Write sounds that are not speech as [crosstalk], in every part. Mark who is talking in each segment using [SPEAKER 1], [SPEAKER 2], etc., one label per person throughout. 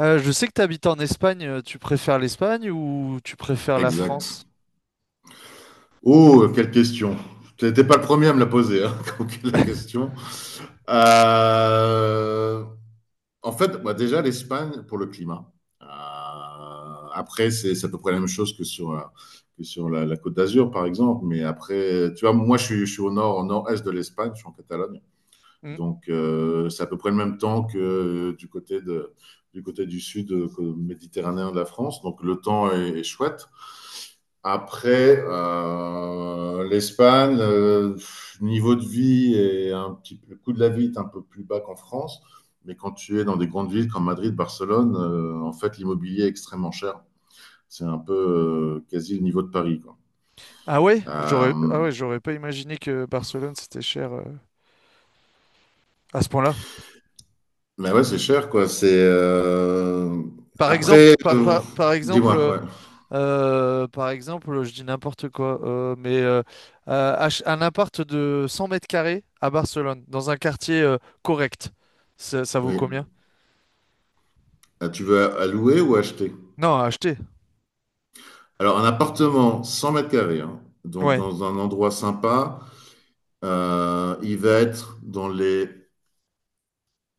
[SPEAKER 1] Je sais que tu habites en Espagne, tu préfères l'Espagne ou tu préfères la
[SPEAKER 2] Exact.
[SPEAKER 1] France?
[SPEAKER 2] Oh, quelle question. Tu n'étais pas le premier à me la poser, hein, [laughs] donc, la
[SPEAKER 1] [laughs]
[SPEAKER 2] question. Euh, déjà, l'Espagne pour le climat. Euh, après, c'est à peu près la même chose que sur, que sur la Côte d'Azur, par exemple. Mais après, tu vois, je suis au nord, au nord-est de l'Espagne, je suis en Catalogne.
[SPEAKER 1] Hmm.
[SPEAKER 2] C'est à peu près le même temps que du côté du côté du sud méditerranéen de la France. Donc, le temps est chouette. Après, l'Espagne, niveau de vie et un petit peu, le coût de la vie est un peu plus bas qu'en France. Mais quand tu es dans des grandes villes comme Madrid, Barcelone, en fait, l'immobilier est extrêmement cher. C'est un peu quasi le niveau de Paris, quoi.
[SPEAKER 1] Ah ouais, j'aurais ah
[SPEAKER 2] Euh,
[SPEAKER 1] ouais, j'aurais pas imaginé que Barcelone c'était cher, à ce point-là.
[SPEAKER 2] mais ouais, c'est cher, quoi.
[SPEAKER 1] Par exemple,
[SPEAKER 2] Après,
[SPEAKER 1] par,
[SPEAKER 2] euh,
[SPEAKER 1] par-
[SPEAKER 2] Dis-moi, ouais.
[SPEAKER 1] par exemple, je dis n'importe quoi, un appart de 100 mètres carrés à Barcelone, dans un quartier correct, ça vaut combien?
[SPEAKER 2] Oui. Ah, tu veux allouer ou acheter?
[SPEAKER 1] Non, à acheter.
[SPEAKER 2] Alors, un appartement 100 mètres carrés, hein, donc
[SPEAKER 1] Ouais,
[SPEAKER 2] dans un endroit sympa. Il va être dans les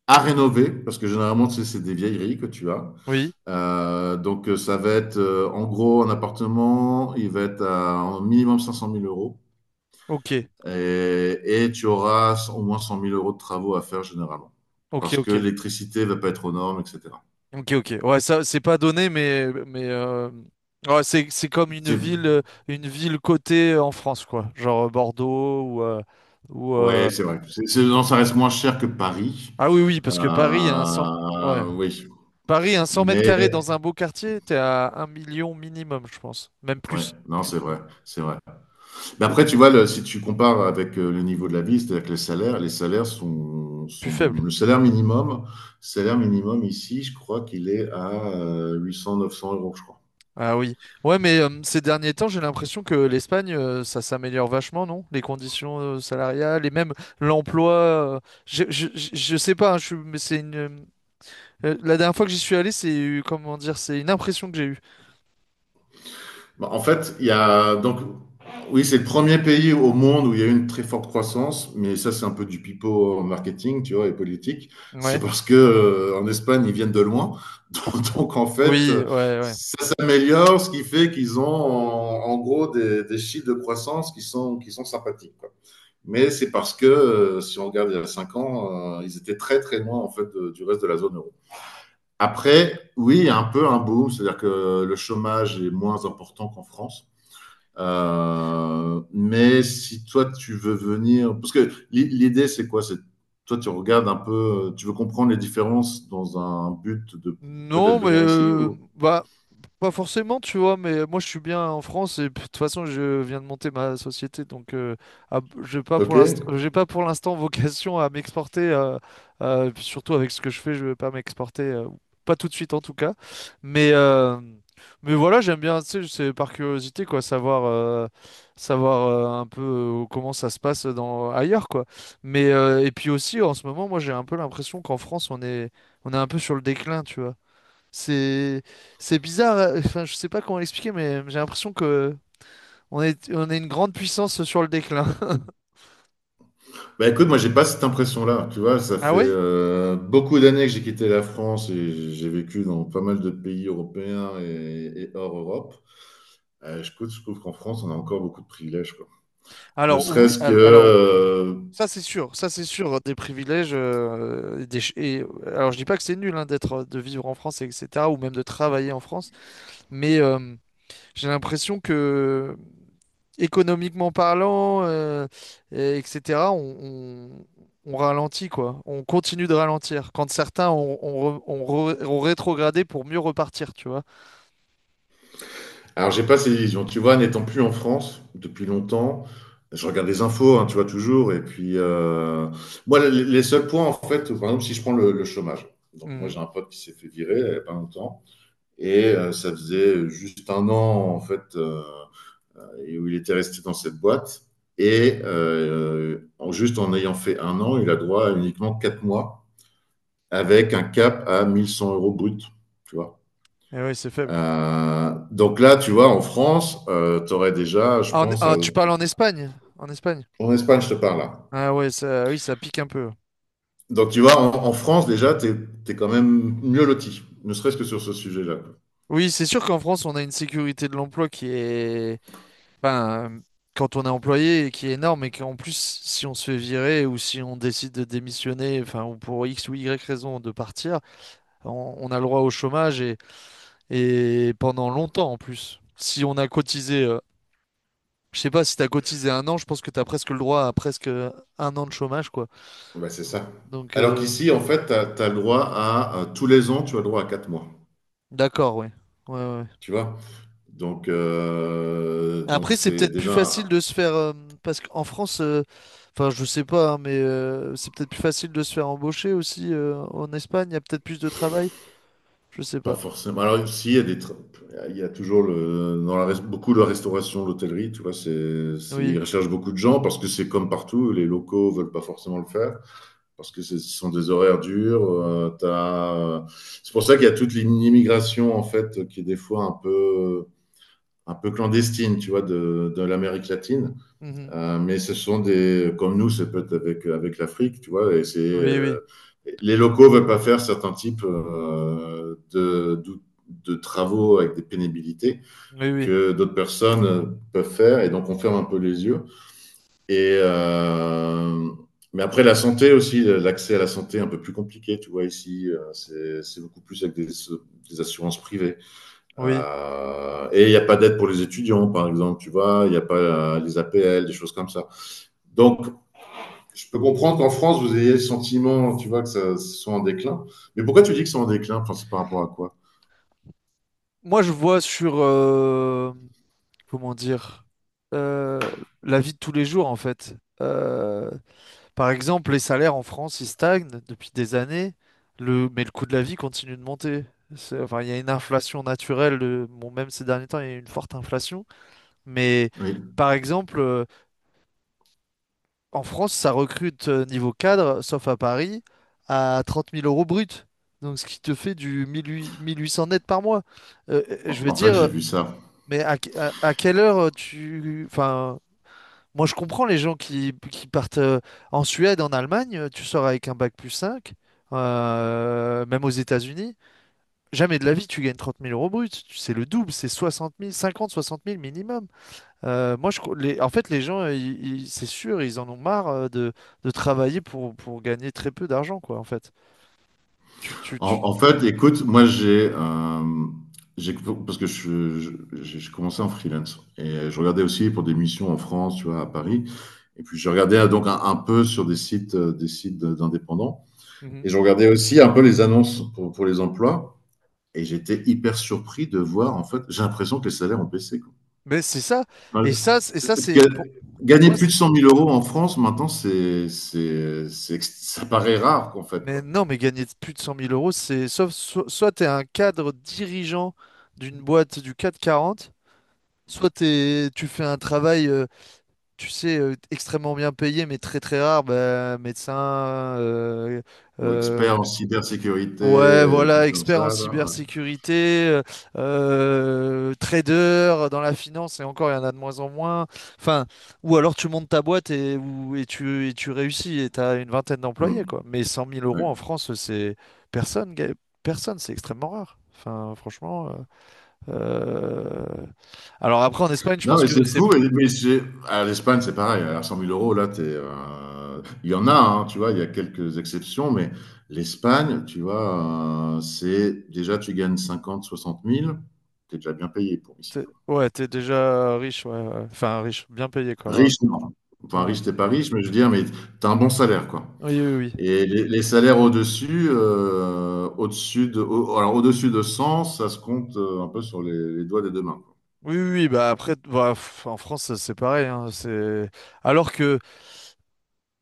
[SPEAKER 2] À rénover, parce que généralement, tu sais, c'est des vieilleries que tu as.
[SPEAKER 1] oui,
[SPEAKER 2] Donc, ça va être en gros un appartement, il va être à un minimum cinq cent mille euros.
[SPEAKER 1] ok,
[SPEAKER 2] Et tu auras au moins cent mille euros de travaux à faire généralement.
[SPEAKER 1] ok,
[SPEAKER 2] Parce que
[SPEAKER 1] ok.
[SPEAKER 2] l'électricité va pas être aux normes, etc.
[SPEAKER 1] Ok, ok. Ouais, ça, c'est pas donné, mais ouais, c'est comme
[SPEAKER 2] C'est-
[SPEAKER 1] une ville cotée en France, quoi. Genre, Bordeaux ou, euh, ou
[SPEAKER 2] Ouais,
[SPEAKER 1] euh,
[SPEAKER 2] c'est vrai. Non, ça reste moins cher que Paris.
[SPEAKER 1] Ah oui, oui, parce que Paris a un cent. Ouais.
[SPEAKER 2] Oui.
[SPEAKER 1] Paris a un 100 mètres
[SPEAKER 2] Mais,
[SPEAKER 1] carrés dans un beau quartier, t'es à un million minimum, je pense. Même
[SPEAKER 2] ouais,
[SPEAKER 1] plus.
[SPEAKER 2] non, c'est vrai. C'est vrai. Mais après, tu vois, si tu compares avec le niveau de la vie, c'est-à-dire que les salaires sont,
[SPEAKER 1] Plus
[SPEAKER 2] sont-
[SPEAKER 1] faible.
[SPEAKER 2] le salaire minimum ici, je crois qu'il est à huit cents, neuf cents euros, je crois.
[SPEAKER 1] Ah oui. Ouais, mais ces derniers temps, j'ai l'impression que l'Espagne, ça s'améliore vachement, non? Les conditions salariales et même l'emploi. Je sais pas, hein, mais c'est une. La dernière fois que j'y suis allé, c'est, comment dire, c'est une impression que j'ai eue.
[SPEAKER 2] Bah, en fait, il y a donc, oui, c'est le premier pays au monde où il y a eu une très forte croissance, mais ça, c'est un peu du pipeau en marketing, tu vois, et politique.
[SPEAKER 1] Ouais.
[SPEAKER 2] C'est parce que en Espagne, ils viennent de loin, [laughs] donc, donc, en fait,
[SPEAKER 1] Oui, ouais,
[SPEAKER 2] euh,
[SPEAKER 1] ouais.
[SPEAKER 2] ça s'améliore, ce qui fait qu'ils ont en gros des chiffres de croissance qui sont sympathiques, quoi. Mais c'est parce que, si on regarde il y a 5 ans, ils étaient très très loin en fait du reste de la zone euro. Après, oui, il y a un peu un boom, c'est-à-dire que le chômage est moins important qu'en France. Mais si toi tu veux venir, parce que l'idée c'est quoi? C'est toi tu regardes un peu, tu veux comprendre les différences dans un but de peut-être
[SPEAKER 1] Non, mais
[SPEAKER 2] venir ici
[SPEAKER 1] euh,
[SPEAKER 2] ou?
[SPEAKER 1] bah, pas forcément, tu vois, mais moi je suis bien en France et puis, de toute façon je viens de monter ma société. Donc, ah, j'ai pas
[SPEAKER 2] Ok.
[SPEAKER 1] pour l'instant, [laughs] vocation à m'exporter, et puis surtout avec ce que je fais, je vais pas m'exporter, pas tout de suite en tout cas, mais mais voilà, j'aime bien, tu sais, c'est par curiosité quoi, savoir un peu, comment ça se passe dans ailleurs quoi, mais et puis aussi en ce moment, moi j'ai un peu l'impression qu'en France on est un peu sur le déclin, tu vois. C'est c'est bizarre, enfin je sais pas comment l'expliquer, mais j'ai l'impression que on est une grande puissance sur le déclin. [laughs]
[SPEAKER 2] Bah écoute, moi j'ai pas cette impression-là, tu vois, ça
[SPEAKER 1] Ah
[SPEAKER 2] fait
[SPEAKER 1] oui?
[SPEAKER 2] beaucoup d'années que j'ai quitté la France et j'ai vécu dans pas mal de pays européens et hors Europe. Je trouve qu'en France, on a encore beaucoup de privilèges, quoi. Ne
[SPEAKER 1] Alors oui,
[SPEAKER 2] serait-ce que...
[SPEAKER 1] al- alors ça c'est sûr des privilèges. Alors je dis pas que c'est nul hein, d'être de vivre en France et etc. ou même de travailler en France, mais j'ai l'impression que économiquement parlant, etc., on ralentit, quoi. On continue de ralentir. Quand certains ont rétrogradé pour mieux repartir, tu vois.
[SPEAKER 2] Alors j'ai pas ces illusions, tu vois, n'étant plus en France depuis longtemps, je regarde les infos, hein, tu vois, toujours, moi, les seuls points, en fait, par exemple, si je prends le chômage. Donc moi
[SPEAKER 1] Mhm.
[SPEAKER 2] j'ai un pote qui s'est fait virer il y a pas longtemps, ça faisait juste un an, et où il était resté dans cette boîte. Et en, juste en ayant fait un an, il a droit à uniquement quatre mois avec un cap à 1100 euros brut. Tu vois.
[SPEAKER 1] Et oui, c'est faible.
[SPEAKER 2] Donc là, tu vois, en France, tu aurais déjà, je
[SPEAKER 1] Ah,
[SPEAKER 2] pense, à...
[SPEAKER 1] ah, tu parles en Espagne? En Espagne?
[SPEAKER 2] en Espagne, je te parle là.
[SPEAKER 1] Ah ouais, ça, oui, ça pique un peu.
[SPEAKER 2] Donc tu vois, en France, déjà, es, quand même mieux loti, ne serait-ce que sur ce sujet-là.
[SPEAKER 1] Oui, c'est sûr qu'en France, on a une sécurité de l'emploi qui est, enfin, quand on est employé, qui est énorme et qu'en plus, si on se fait virer ou si on décide de démissionner, enfin, ou pour X ou Y raison de partir, on a le droit au chômage et pendant longtemps en plus. Si on a cotisé, je sais pas, si tu as cotisé un an, je pense que tu as presque le droit à presque un an de chômage, quoi.
[SPEAKER 2] Bah, c'est ça.
[SPEAKER 1] Donc,
[SPEAKER 2] Alors qu'ici, en fait, as le droit à, tous les ans, tu as le droit à quatre mois.
[SPEAKER 1] d'accord, ouais. Ouais, ouais. Ouais.
[SPEAKER 2] Tu vois. Donc,
[SPEAKER 1] Après, c'est
[SPEAKER 2] c'est
[SPEAKER 1] peut-être plus facile
[SPEAKER 2] déjà...
[SPEAKER 1] de se faire, parce qu'en France, enfin, je sais pas, hein, mais c'est peut-être plus facile de se faire embaucher aussi, en Espagne, il y a peut-être plus de travail, je sais
[SPEAKER 2] pas
[SPEAKER 1] pas.
[SPEAKER 2] forcément. Alors, si, il y a toujours le, dans la, beaucoup de la restauration, l'hôtellerie, tu vois,
[SPEAKER 1] Oui.
[SPEAKER 2] ils recherchent beaucoup de gens parce que c'est comme partout, les locaux veulent pas forcément le faire parce que ce sont des horaires durs. C'est pour ça qu'il y a toute l'immigration, en fait, qui est des fois un peu clandestine, tu vois, de l'Amérique latine.
[SPEAKER 1] Mhm.
[SPEAKER 2] Mais ce sont des, comme nous, c'est peut-être avec, avec l'Afrique, tu vois, et c'est,
[SPEAKER 1] Oui, oui,
[SPEAKER 2] euh, les locaux veulent pas faire certains types de de travaux avec des pénibilités
[SPEAKER 1] oui, oui,
[SPEAKER 2] que d'autres personnes peuvent faire, et donc on ferme un peu les yeux. Et, mais après, la santé aussi, l'accès à la santé est un peu plus compliqué, tu vois, ici, c'est beaucoup plus avec des assurances privées.
[SPEAKER 1] oui.
[SPEAKER 2] Et il n'y a pas d'aide pour les étudiants, par exemple, tu vois, il n'y a pas les APL, des choses comme ça. Donc, je peux comprendre qu'en France, vous ayez le sentiment, tu vois, que ça soit en déclin. Mais pourquoi tu dis que c'est en déclin? Enfin, c'est par rapport à quoi?
[SPEAKER 1] Moi, je vois sur, comment dire, euh, la vie de tous les jours en fait. Euh, par exemple, les salaires en France, ils stagnent depuis des années, mais le coût de la vie continue de monter. Enfin, il y a une inflation naturelle, bon, même ces derniers temps, il y a eu une forte inflation. Mais
[SPEAKER 2] Oui.
[SPEAKER 1] par exemple, en France, ça recrute niveau cadre, sauf à Paris, à 30 000 euros brut. Donc, ce qui te fait du 1 800 net par mois. Je
[SPEAKER 2] En
[SPEAKER 1] veux
[SPEAKER 2] en fait, j'ai
[SPEAKER 1] dire,
[SPEAKER 2] vu ça.
[SPEAKER 1] mais à quelle heure tu, enfin, moi, je comprends les gens qui partent, en Suède, en Allemagne, tu sors avec un bac plus 5, même aux États-Unis. Jamais de la vie, tu gagnes 30 000 euros bruts. C'est le double, c'est 60 000, 50, 60 000 minimum. Moi, en fait, les gens, c'est sûr, ils en ont marre de travailler pour gagner très peu d'argent, quoi, en fait. Tu, tu, tu-
[SPEAKER 2] En fait, écoute, moi, j'ai- parce que je, j'ai commencé en freelance et je regardais aussi pour des missions en France, tu vois, à Paris. Et puis, je regardais donc un peu sur des sites d'indépendants.
[SPEAKER 1] Mhm.
[SPEAKER 2] Et je regardais aussi un peu les annonces pour les emplois. Et j'étais hyper surpris de voir, en fait, j'ai l'impression que les salaires ont baissé, quoi.
[SPEAKER 1] Mais c'est ça. Et ça, c'est pour
[SPEAKER 2] Gagner
[SPEAKER 1] moi.
[SPEAKER 2] plus de cent mille euros en France, maintenant, ça paraît rare, quoi, en fait,
[SPEAKER 1] Mais
[SPEAKER 2] quoi.
[SPEAKER 1] non, mais gagner plus de 100 000 euros, c'est sauf soit tu es un cadre dirigeant d'une boîte du CAC 40, soit tu fais un travail, tu sais, extrêmement bien payé, mais très très rare, bah, médecin, euh,
[SPEAKER 2] Ou
[SPEAKER 1] euh,
[SPEAKER 2] expert en cybersécurité,
[SPEAKER 1] ouais,
[SPEAKER 2] des
[SPEAKER 1] voilà,
[SPEAKER 2] trucs comme
[SPEAKER 1] expert
[SPEAKER 2] ça,
[SPEAKER 1] en
[SPEAKER 2] là. Ouais.
[SPEAKER 1] cybersécurité, trader dans la finance, et encore, il y en a de moins en moins. Enfin, ou alors tu montes ta boîte et tu réussis et tu as une vingtaine d'employés, quoi.
[SPEAKER 2] Mm,
[SPEAKER 1] Mais cent mille
[SPEAKER 2] ouais.
[SPEAKER 1] euros en France, c'est personne, personne, c'est extrêmement rare. Enfin, franchement. Euh, Alors après, en Espagne, je
[SPEAKER 2] Non,
[SPEAKER 1] pense
[SPEAKER 2] mais
[SPEAKER 1] que
[SPEAKER 2] c'est
[SPEAKER 1] c'est.
[SPEAKER 2] fou. À l'Espagne, c'est pareil. À cent mille euros, là, il y en a, hein, tu vois, il y a quelques exceptions, mais l'Espagne, tu vois, c'est déjà, tu gagnes cinquante, soixante mille. T'es déjà bien payé pour ici, quoi.
[SPEAKER 1] Ouais, t'es déjà riche, ouais, ouais. Enfin, riche, bien payé, quoi. Ouais, ouais.
[SPEAKER 2] Riche, non. Enfin,
[SPEAKER 1] Ah
[SPEAKER 2] riche, t'es pas riche, mais je veux dire, mais t'as un bon salaire, quoi.
[SPEAKER 1] ouais. Oui, oui, oui.
[SPEAKER 2] Et les salaires au-dessus, alors au-dessus de 100, ça se compte un peu sur les doigts des deux mains,
[SPEAKER 1] Oui, oui, oui, bah après, bah, en France, c'est pareil, hein, c'est. Alors que,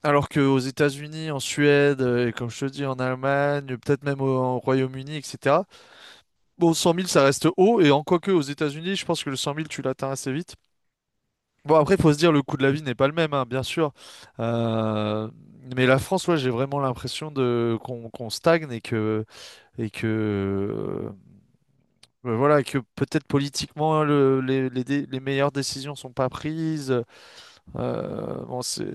[SPEAKER 1] alors que aux États-Unis, en Suède, et comme je te dis, en Allemagne, peut-être même en Royaume-Uni, etc. Bon, 100 000, ça reste haut. Et en quoi que, aux États-Unis, je pense que le 100 000, tu l'atteins assez vite. Bon, après, il faut se dire, le coût de la vie n'est pas le même, hein, bien sûr. Euh, Mais la France, ouais, j'ai vraiment l'impression de qu'on stagne et que euh, bah, voilà, que peut-être politiquement, les meilleures décisions sont pas prises. Bon, c'est.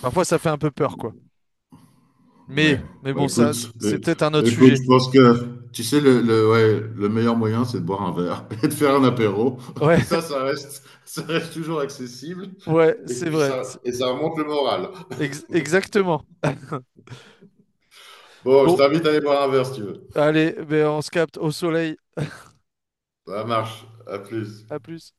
[SPEAKER 1] Parfois, ça fait un peu peur, quoi.
[SPEAKER 2] quoi.
[SPEAKER 1] Mais,
[SPEAKER 2] Ouais.
[SPEAKER 1] mais
[SPEAKER 2] Bah,
[SPEAKER 1] bon, ça,
[SPEAKER 2] écoute,
[SPEAKER 1] c'est
[SPEAKER 2] euh,
[SPEAKER 1] peut-être un autre
[SPEAKER 2] écoute,
[SPEAKER 1] sujet.
[SPEAKER 2] je pense que tu sais ouais, le meilleur moyen, c'est de boire un verre [laughs] et de faire un apéro.
[SPEAKER 1] Ouais,
[SPEAKER 2] [laughs]
[SPEAKER 1] [laughs]
[SPEAKER 2] Ça reste toujours accessible
[SPEAKER 1] ouais,
[SPEAKER 2] et
[SPEAKER 1] c'est
[SPEAKER 2] puis
[SPEAKER 1] vrai.
[SPEAKER 2] ça remonte le moral.
[SPEAKER 1] Exactement.
[SPEAKER 2] Bon, je
[SPEAKER 1] Bon,
[SPEAKER 2] t'invite à aller boire un verre si tu veux.
[SPEAKER 1] allez, ben, on se capte au soleil.
[SPEAKER 2] Ça marche. À plus.
[SPEAKER 1] À plus.